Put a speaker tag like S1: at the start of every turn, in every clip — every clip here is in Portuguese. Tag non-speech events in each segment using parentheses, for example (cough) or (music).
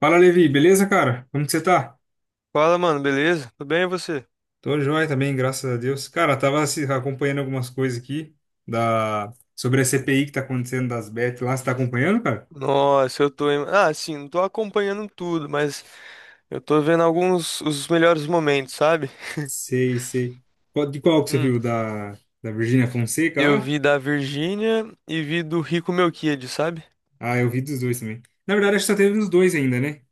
S1: Fala, Levi, beleza, cara? Como que você tá?
S2: Fala, mano, beleza? Tudo bem e você?
S1: Tô joia também, graças a Deus. Cara, tava acompanhando algumas coisas aqui sobre a CPI que tá acontecendo das Bet lá. Você tá acompanhando, cara?
S2: Nossa, eu tô. Assim, não tô acompanhando tudo, mas eu tô vendo alguns os melhores momentos, sabe?
S1: Sei, sei. De qual que você
S2: Hum,
S1: viu? Da Virgínia Fonseca
S2: eu
S1: lá?
S2: vi da Virgínia e vi do Rico Meu Kid, sabe?
S1: Ah, eu vi dos dois também. Na verdade, acho que só teve nos dois ainda, né?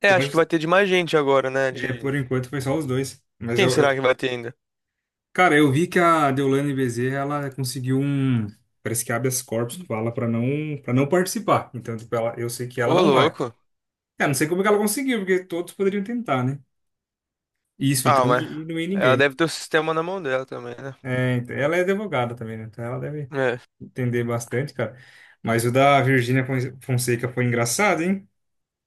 S2: É,
S1: Eu
S2: acho que
S1: acho.
S2: vai ter de mais gente agora, né?
S1: É,
S2: De.
S1: por enquanto foi só os dois. Mas
S2: Quem
S1: eu,
S2: será
S1: eu...
S2: que vai ter ainda?
S1: Cara, eu vi que a Deolane Bezerra, ela conseguiu um. Parece que habeas corpus que fala pra não, para não participar. Então, tipo, ela. Eu sei que ela
S2: Ô,
S1: não vai.
S2: louco.
S1: Cara, não sei como que ela conseguiu, porque todos poderiam tentar, né? Isso,
S2: Ah,
S1: então,
S2: mas.
S1: e não ia
S2: Ela
S1: ninguém, né?
S2: deve ter o sistema na mão dela também, né?
S1: É, então, ela é advogada também, né? Então ela deve
S2: É.
S1: entender bastante, cara. Mas o da Virgínia Fonseca foi engraçado, hein?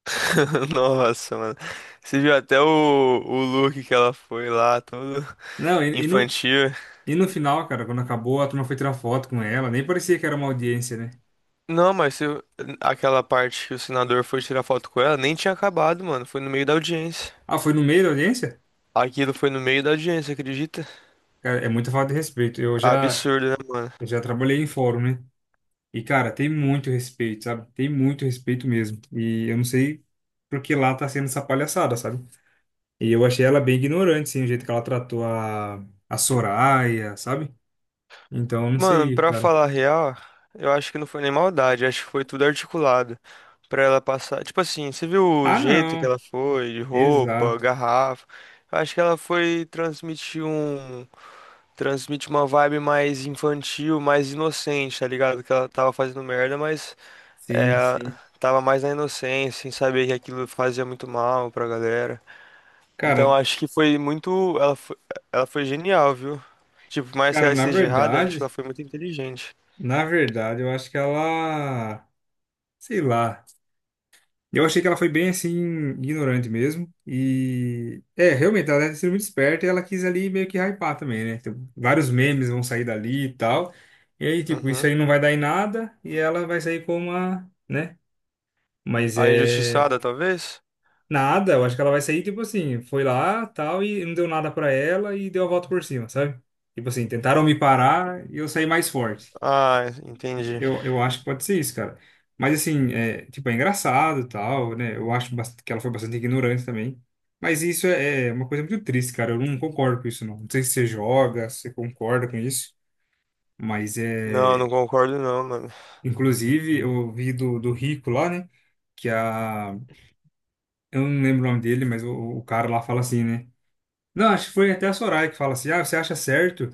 S2: (laughs) Nossa, mano. Você viu até o look que ela foi lá, todo
S1: Não, e, e no,
S2: infantil.
S1: e no final, cara, quando acabou, a turma foi tirar foto com ela, nem parecia que era uma audiência, né?
S2: Não, mas se, eu- aquela parte que o senador foi tirar foto com ela, nem tinha acabado, mano. Foi no meio da audiência.
S1: Ah, foi no meio da audiência?
S2: Aquilo foi no meio da audiência, acredita?
S1: Cara, é muita falta de respeito. Eu já,
S2: Absurdo, né, mano?
S1: eu já trabalhei em fórum, né? E, cara, tem muito respeito, sabe? Tem muito respeito mesmo. E eu não sei por que lá tá sendo essa palhaçada, sabe? E eu achei ela bem ignorante, assim, o jeito que ela tratou a Soraya, sabe? Então, eu não
S2: Mano,
S1: sei,
S2: pra
S1: cara.
S2: falar a real, eu acho que não foi nem maldade, acho que foi tudo articulado. Pra ela passar. Tipo assim, você viu o
S1: Ah,
S2: jeito que
S1: não.
S2: ela foi, de roupa,
S1: Exato.
S2: garrafa. Eu acho que ela foi transmitir um. Transmite uma vibe mais infantil, mais inocente, tá ligado? Que ela tava fazendo merda, mas. É,
S1: Sim, sim.
S2: tava mais na inocência, sem saber que aquilo fazia muito mal pra galera. Então
S1: Cara,
S2: acho que foi muito. Ela foi genial, viu? Tipo, por mais que
S1: cara,
S2: ela esteja errada, acho que ela foi muito inteligente.
S1: na verdade, eu acho que ela, sei lá. Eu achei que ela foi bem assim ignorante mesmo e realmente ela deve ter sido muito esperta e ela quis ali meio que hypar também, né? Tipo, vários memes vão sair dali e tal. E aí, tipo, isso
S2: Uhum.
S1: aí não vai dar em nada e ela vai sair com uma, né? Mas
S2: A
S1: é,
S2: injustiçada, talvez?
S1: nada, eu acho que ela vai sair, tipo assim, foi lá, tal, e não deu nada pra ela e deu a volta por cima, sabe? Tipo assim, tentaram me parar e eu saí mais forte.
S2: Ah, entendi.
S1: Eu acho que pode ser isso, cara. Mas assim, tipo, é engraçado, tal, né? Eu acho que ela foi bastante ignorante também. Mas isso é uma coisa muito triste, cara. Eu não concordo com isso, não. Não sei se você joga, se você concorda com isso, mas
S2: Não,
S1: é.
S2: não concordo não, mano.
S1: Inclusive, eu vi do Rico lá, né? Que a. Eu não lembro o nome dele, mas o cara lá fala assim, né? Não, acho que foi até a Soraya que fala assim, ah, você acha certo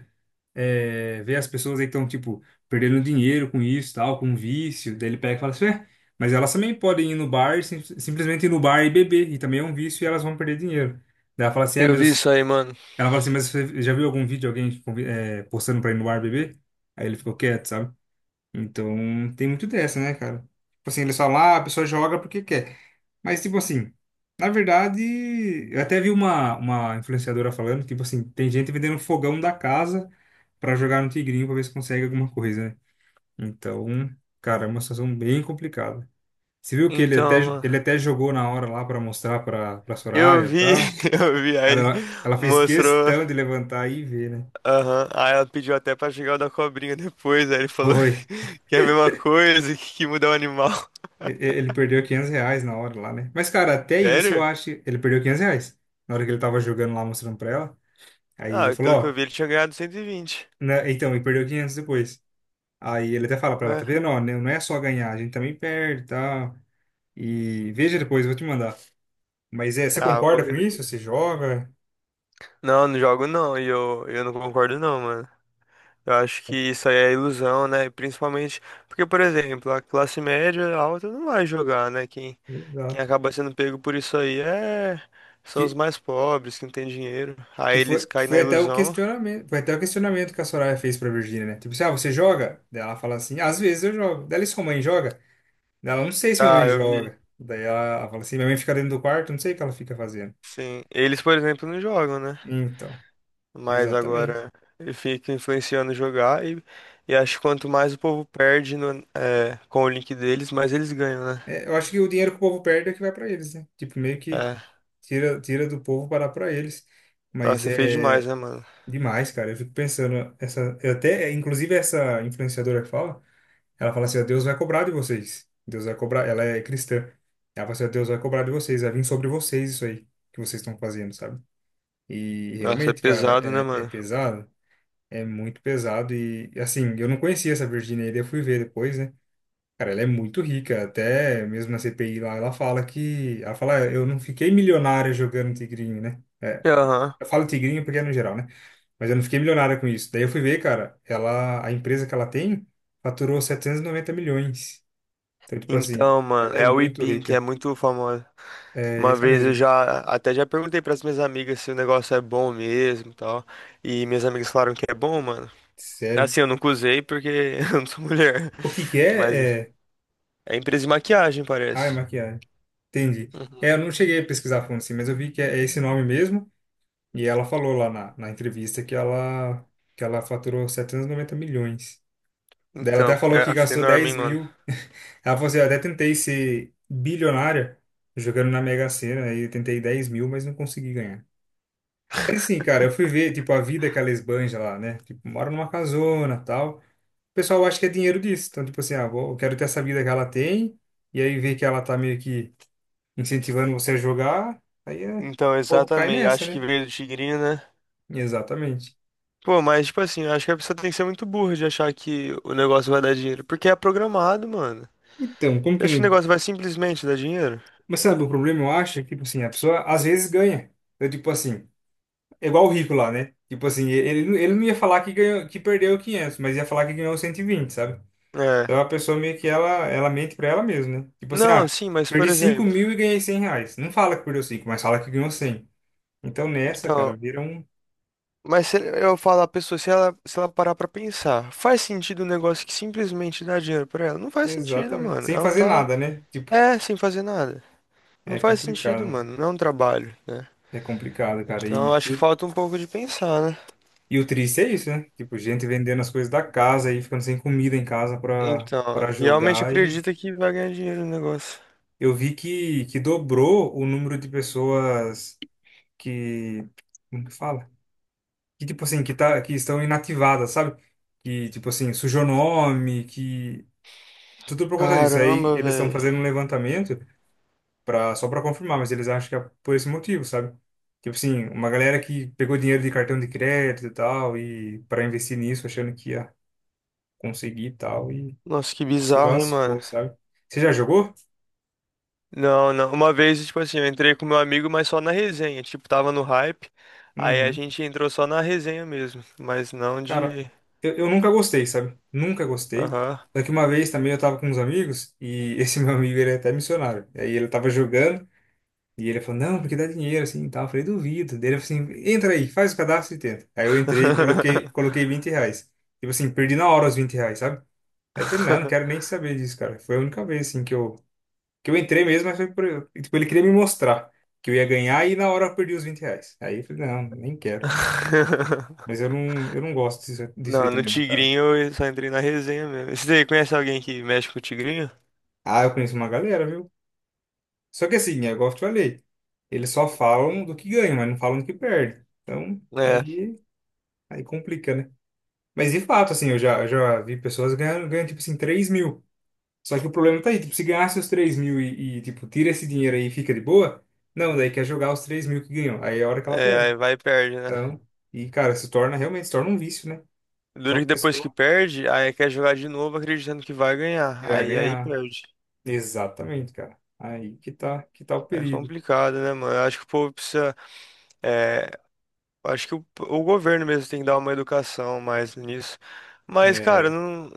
S1: ver as pessoas aí que estão, tipo, perdendo dinheiro com isso, tal, com vício, daí ele pega e fala assim, mas elas também podem ir no bar, e simplesmente ir no bar e beber, e também é um vício e elas vão perder dinheiro. Daí ela fala assim,
S2: Eu vi
S1: mas
S2: isso
S1: eu-
S2: aí, mano.
S1: ela fala assim, mas você já viu algum vídeo de alguém tipo, postando pra ir no bar beber? Aí ele ficou quieto, sabe? Então, tem muito dessa, né, cara? Tipo assim, eles falam, ah, a pessoa joga porque quer. Mas, tipo assim, na verdade, eu até vi uma influenciadora falando, tipo assim, tem gente vendendo fogão da casa pra jogar no tigrinho pra ver se consegue alguma coisa, né? Então, cara, é uma situação bem complicada. Você viu que ele
S2: Então,
S1: até,
S2: mano,
S1: ele até jogou na hora lá pra mostrar pra
S2: eu
S1: Soraya e
S2: vi,
S1: tal.
S2: (laughs) eu vi, aí
S1: Cara,
S2: ele
S1: ela fez
S2: mostrou,
S1: questão de levantar e ver, né?
S2: aham, aí ela pediu até pra jogar o da cobrinha depois, aí ele falou
S1: Foi.
S2: (laughs) que é a mesma coisa, que muda o animal.
S1: Ele perdeu R$ 500 na hora lá, né? Mas, cara, até isso eu
S2: Sério?
S1: acho. Ele perdeu R$ 500 na hora que ele tava jogando lá, mostrando pra ela. Aí ele
S2: Ah,
S1: falou,
S2: pelo que eu
S1: ó.
S2: vi, ele tinha ganhado 120.
S1: Né, então, e perdeu 500 depois. Aí ele até fala pra ela, tá
S2: Ué?
S1: vendo? Ó, né, não é só ganhar, a gente também perde e tal. E veja depois, eu vou te mandar. Mas é, você
S2: Ah,
S1: concorda
S2: vou
S1: com
S2: ver
S1: isso? Você
S2: depois.
S1: joga?
S2: Não, não jogo não, e eu não concordo não, mano. Eu acho que isso aí é ilusão, né? Principalmente porque, por exemplo, a classe média alta não vai jogar, né? Quem
S1: Exato.
S2: acaba sendo pego por isso aí é... são os
S1: Que,
S2: mais pobres, que não tem dinheiro.
S1: que
S2: Aí eles
S1: foi, que
S2: caem na
S1: foi até o
S2: ilusão.
S1: questionamento, foi até o questionamento que a Soraya fez pra Virgínia, né? Tipo assim, ah, você joga? Daí ela fala assim, às vezes eu jogo. Daí ela, e sua mãe joga? Daí ela, não sei se minha
S2: Ah,
S1: mãe
S2: eu vi.
S1: joga. Daí ela fala assim, minha mãe fica dentro do quarto, não sei o que ela fica fazendo.
S2: Sim. Eles, por exemplo, não jogam, né?
S1: Então,
S2: Mas
S1: exatamente.
S2: agora ele fica influenciando jogar e acho que quanto mais o povo perde com o link deles, mais eles ganham, né?
S1: É, eu acho que o dinheiro que o povo perde é que vai pra eles, né? Tipo, meio que
S2: É.
S1: tira do povo para dar para eles. Mas,
S2: Nossa,
S1: uhum,
S2: é feio demais,
S1: é
S2: né, mano?
S1: demais, cara. Eu fico pensando, essa, eu até, inclusive essa influenciadora que fala, ela fala assim, ó, Deus vai cobrar de vocês. Deus vai cobrar, ela é cristã. Ela fala assim, ó, Deus vai cobrar de vocês, vai vir sobre vocês isso aí que vocês estão fazendo, sabe? E
S2: Nossa, é
S1: realmente, cara,
S2: pesado, né,
S1: é
S2: mano?
S1: pesado, é muito pesado e assim, eu não conhecia essa Virginia, aí, eu fui ver depois, né? Cara, ela é muito rica, até mesmo na CPI lá, ela fala que, ela fala, eu não fiquei milionária jogando tigrinho, né?
S2: E, aham.
S1: Eu falo tigrinho porque é no geral, né? Mas eu não fiquei milionária com isso. Daí eu fui ver, cara, ela, a empresa que ela tem faturou 790 milhões. Então, tipo assim,
S2: Então, mano,
S1: ela é
S2: é a
S1: muito
S2: Weepin que é
S1: rica.
S2: muito famosa.
S1: É
S2: Uma
S1: essa
S2: vez eu
S1: mesmo.
S2: já até já perguntei para as minhas amigas se o negócio é bom mesmo e tal. E minhas amigas falaram que é bom, mano.
S1: Sério.
S2: Assim, eu nunca usei porque (laughs) eu não sou mulher.
S1: O que que
S2: Mas
S1: é? É.
S2: é empresa de maquiagem,
S1: Ah, é
S2: parece.
S1: maquiagem. Entendi.
S2: Uhum.
S1: É, eu não cheguei a pesquisar a fundo assim, mas eu vi que é esse nome mesmo. E ela falou lá na entrevista que ela, faturou 790 milhões. Daí ela
S2: Então,
S1: até falou
S2: é
S1: que
S2: assim
S1: gastou
S2: enorme, hein,
S1: dez
S2: mano.
S1: mil. (laughs) Ela falou assim, eu até tentei ser bilionária jogando na Mega Sena, aí eu tentei 10.000, mas não consegui ganhar. Mas assim, cara, eu fui ver, tipo, a vida que ela esbanja lá, né? Tipo, mora numa casona, tal. O pessoal acha que é dinheiro disso. Então, tipo assim, ah, eu quero ter essa vida que ela tem, e aí ver que ela tá meio que incentivando você a jogar,
S2: Então,
S1: ou cai
S2: exatamente.
S1: nessa,
S2: Acho que
S1: né?
S2: veio do tigrinho, né?
S1: Exatamente.
S2: Pô, mas, tipo assim, eu acho que a pessoa tem que ser muito burra de achar que o negócio vai dar dinheiro. Porque é programado, mano.
S1: Então, como
S2: Você
S1: que
S2: acha que o
S1: não.
S2: negócio vai simplesmente dar dinheiro?
S1: Mas sabe, o problema, eu acho, é que, tipo assim, a pessoa às vezes ganha. Eu, tipo assim. É igual o rico lá, né? Tipo assim, ele não ia falar que perdeu 500, mas ia falar que ganhou 120, sabe?
S2: É.
S1: Então a pessoa meio que ela mente pra ela mesma, né? Tipo assim, ah,
S2: Não, sim, mas,
S1: perdi
S2: por
S1: cinco
S2: exemplo.
S1: mil e ganhei R$ 100. Não fala que perdeu 5, mas fala que ganhou 100. Então nessa,
S2: Então,
S1: cara, vira um.
S2: mas se eu falar a pessoa, se ela parar pra pensar, faz sentido um negócio que simplesmente dá dinheiro pra ela? Não faz sentido,
S1: Exatamente.
S2: mano.
S1: Sem
S2: Ela não
S1: fazer
S2: tá.
S1: nada, né? Tipo,
S2: É, sem fazer nada. Não
S1: é
S2: faz sentido,
S1: complicado.
S2: mano. Não é um trabalho, né?
S1: É complicado, cara.
S2: Então, eu
S1: E,
S2: acho
S1: e,
S2: que
S1: o,
S2: falta um pouco de pensar, né?
S1: e o triste é isso, né? Tipo, gente vendendo as coisas da casa e ficando sem comida em casa pra,
S2: Então,
S1: pra
S2: realmente
S1: jogar. E
S2: acredita que vai ganhar dinheiro no negócio.
S1: eu vi que dobrou o número de pessoas que como que fala? Que tipo assim, que estão inativadas, sabe? Que tipo assim, sujou nome, que tudo por conta disso. Aí
S2: Caramba,
S1: eles estão
S2: velho.
S1: fazendo um levantamento para só para confirmar, mas eles acham que é por esse motivo, sabe? Tipo assim, uma galera que pegou dinheiro de cartão de crédito e tal e para investir nisso, achando que ia conseguir e tal e
S2: Nossa, que
S1: se
S2: bizarro, hein, mano.
S1: lascou, sabe? Você já jogou?
S2: Não, não. Uma vez, tipo assim, eu entrei com meu amigo, mas só na resenha. Tipo, tava no hype. Aí a
S1: Uhum.
S2: gente entrou só na resenha mesmo. Mas não
S1: Cara,
S2: de.
S1: eu nunca gostei, sabe? Nunca gostei.
S2: Aham.
S1: Só que uma vez também eu tava com uns amigos e esse (laughs) meu amigo, ele é até missionário. E aí ele tava jogando e ele falou, não, porque dá dinheiro, assim, e tal. Eu falei, duvido. Daí ele falou assim, entra aí, faz o cadastro e tenta. Aí eu entrei, coloquei R$ 20. Tipo assim, perdi na hora os R$ 20, sabe? Aí eu falei, não, não quero nem
S2: (laughs)
S1: saber disso, cara. Foi a única vez, assim, que eu entrei mesmo, mas foi por. E tipo, ele queria me mostrar que eu ia ganhar e na hora eu perdi os R$ 20. Aí eu falei, não, nem quero. Mas eu não gosto disso, disso aí
S2: Não, no
S1: também, não, cara.
S2: Tigrinho eu só entrei na resenha mesmo. Você conhece alguém que mexe com o Tigrinho?
S1: Ah, eu conheço uma galera, viu? Só que assim, é igual eu te falei, eles só falam do que ganham, mas não falam do que perde. Então,
S2: É,
S1: aí complica, né? Mas de fato, assim, eu já vi pessoas ganhando, ganhando, tipo assim, 3.000. Só que o problema tá aí, tipo, se ganhasse os 3.000 e, tipo, tira esse dinheiro aí e fica de boa, não, daí quer jogar os 3.000 que ganhou. Aí é a hora que ela
S2: é,
S1: perde.
S2: aí vai e perde, né?
S1: Então, e cara, se torna, realmente se torna um vício, né? Só
S2: Duro
S1: a
S2: que depois que
S1: pessoa
S2: perde, aí quer jogar de novo acreditando que vai
S1: que
S2: ganhar.
S1: vai
S2: Aí
S1: ganhar.
S2: perde.
S1: Exatamente, cara. Aí que tá o
S2: É
S1: perigo.
S2: complicado, né, mano? Eu acho que o povo precisa. É, eu acho que o governo mesmo tem que dar uma educação mais nisso. Mas, cara,
S1: É,
S2: não.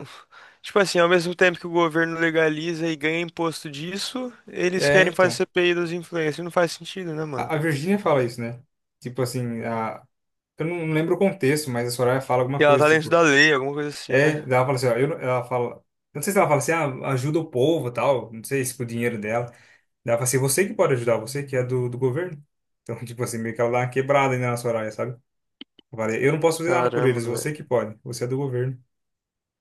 S2: Tipo assim, ao mesmo tempo que o governo legaliza e ganha imposto disso, eles
S1: é,
S2: querem fazer
S1: então.
S2: CPI dos influencers. Não faz sentido, né,
S1: A,
S2: mano?
S1: a Virgínia fala isso, né? Tipo assim, a, eu não lembro o contexto, mas a Soraya fala
S2: E
S1: alguma
S2: ela
S1: coisa,
S2: tá dentro da
S1: tipo,
S2: lei, alguma coisa assim, né?
S1: ela fala assim, ó, eu, não- ela fala, eu não sei se ela fala assim, ah, ajuda o povo, tal, não sei se com o dinheiro dela. Ela fala assim, você que pode ajudar, você que é do governo. Então, (laughs) tipo assim, meio que ela dá uma quebrada ainda na Soraya, sabe? Eu falei, eu não posso fazer nada por
S2: Caramba,
S1: eles, você
S2: velho.
S1: que pode, você é do governo.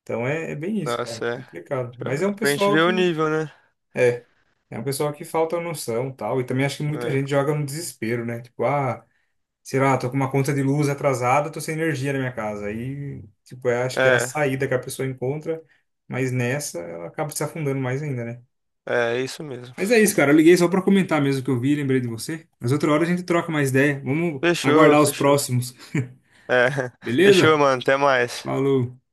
S1: Então é bem isso, cara,
S2: Nossa, é.
S1: complicado. Mas
S2: Pra,
S1: é um
S2: pra gente
S1: pessoal
S2: ver o
S1: que,
S2: nível, né?
S1: é, é um pessoal que falta noção, tal, e também acho que muita gente joga no desespero, né? Tipo, ah, sei lá, tô com uma conta de luz atrasada, tô sem energia na minha casa. Aí, tipo, eu acho que é a
S2: É,
S1: saída que a pessoa encontra, mas nessa ela acaba se afundando mais ainda, né?
S2: é isso mesmo.
S1: Mas é isso, cara. Eu liguei só pra comentar mesmo que eu vi, lembrei de você. Mas outra hora a gente troca mais ideia. Vamos
S2: Fechou,
S1: aguardar os
S2: fechou.
S1: próximos.
S2: É,
S1: (laughs)
S2: (laughs) fechou,
S1: Beleza?
S2: mano. Até mais.
S1: Falou.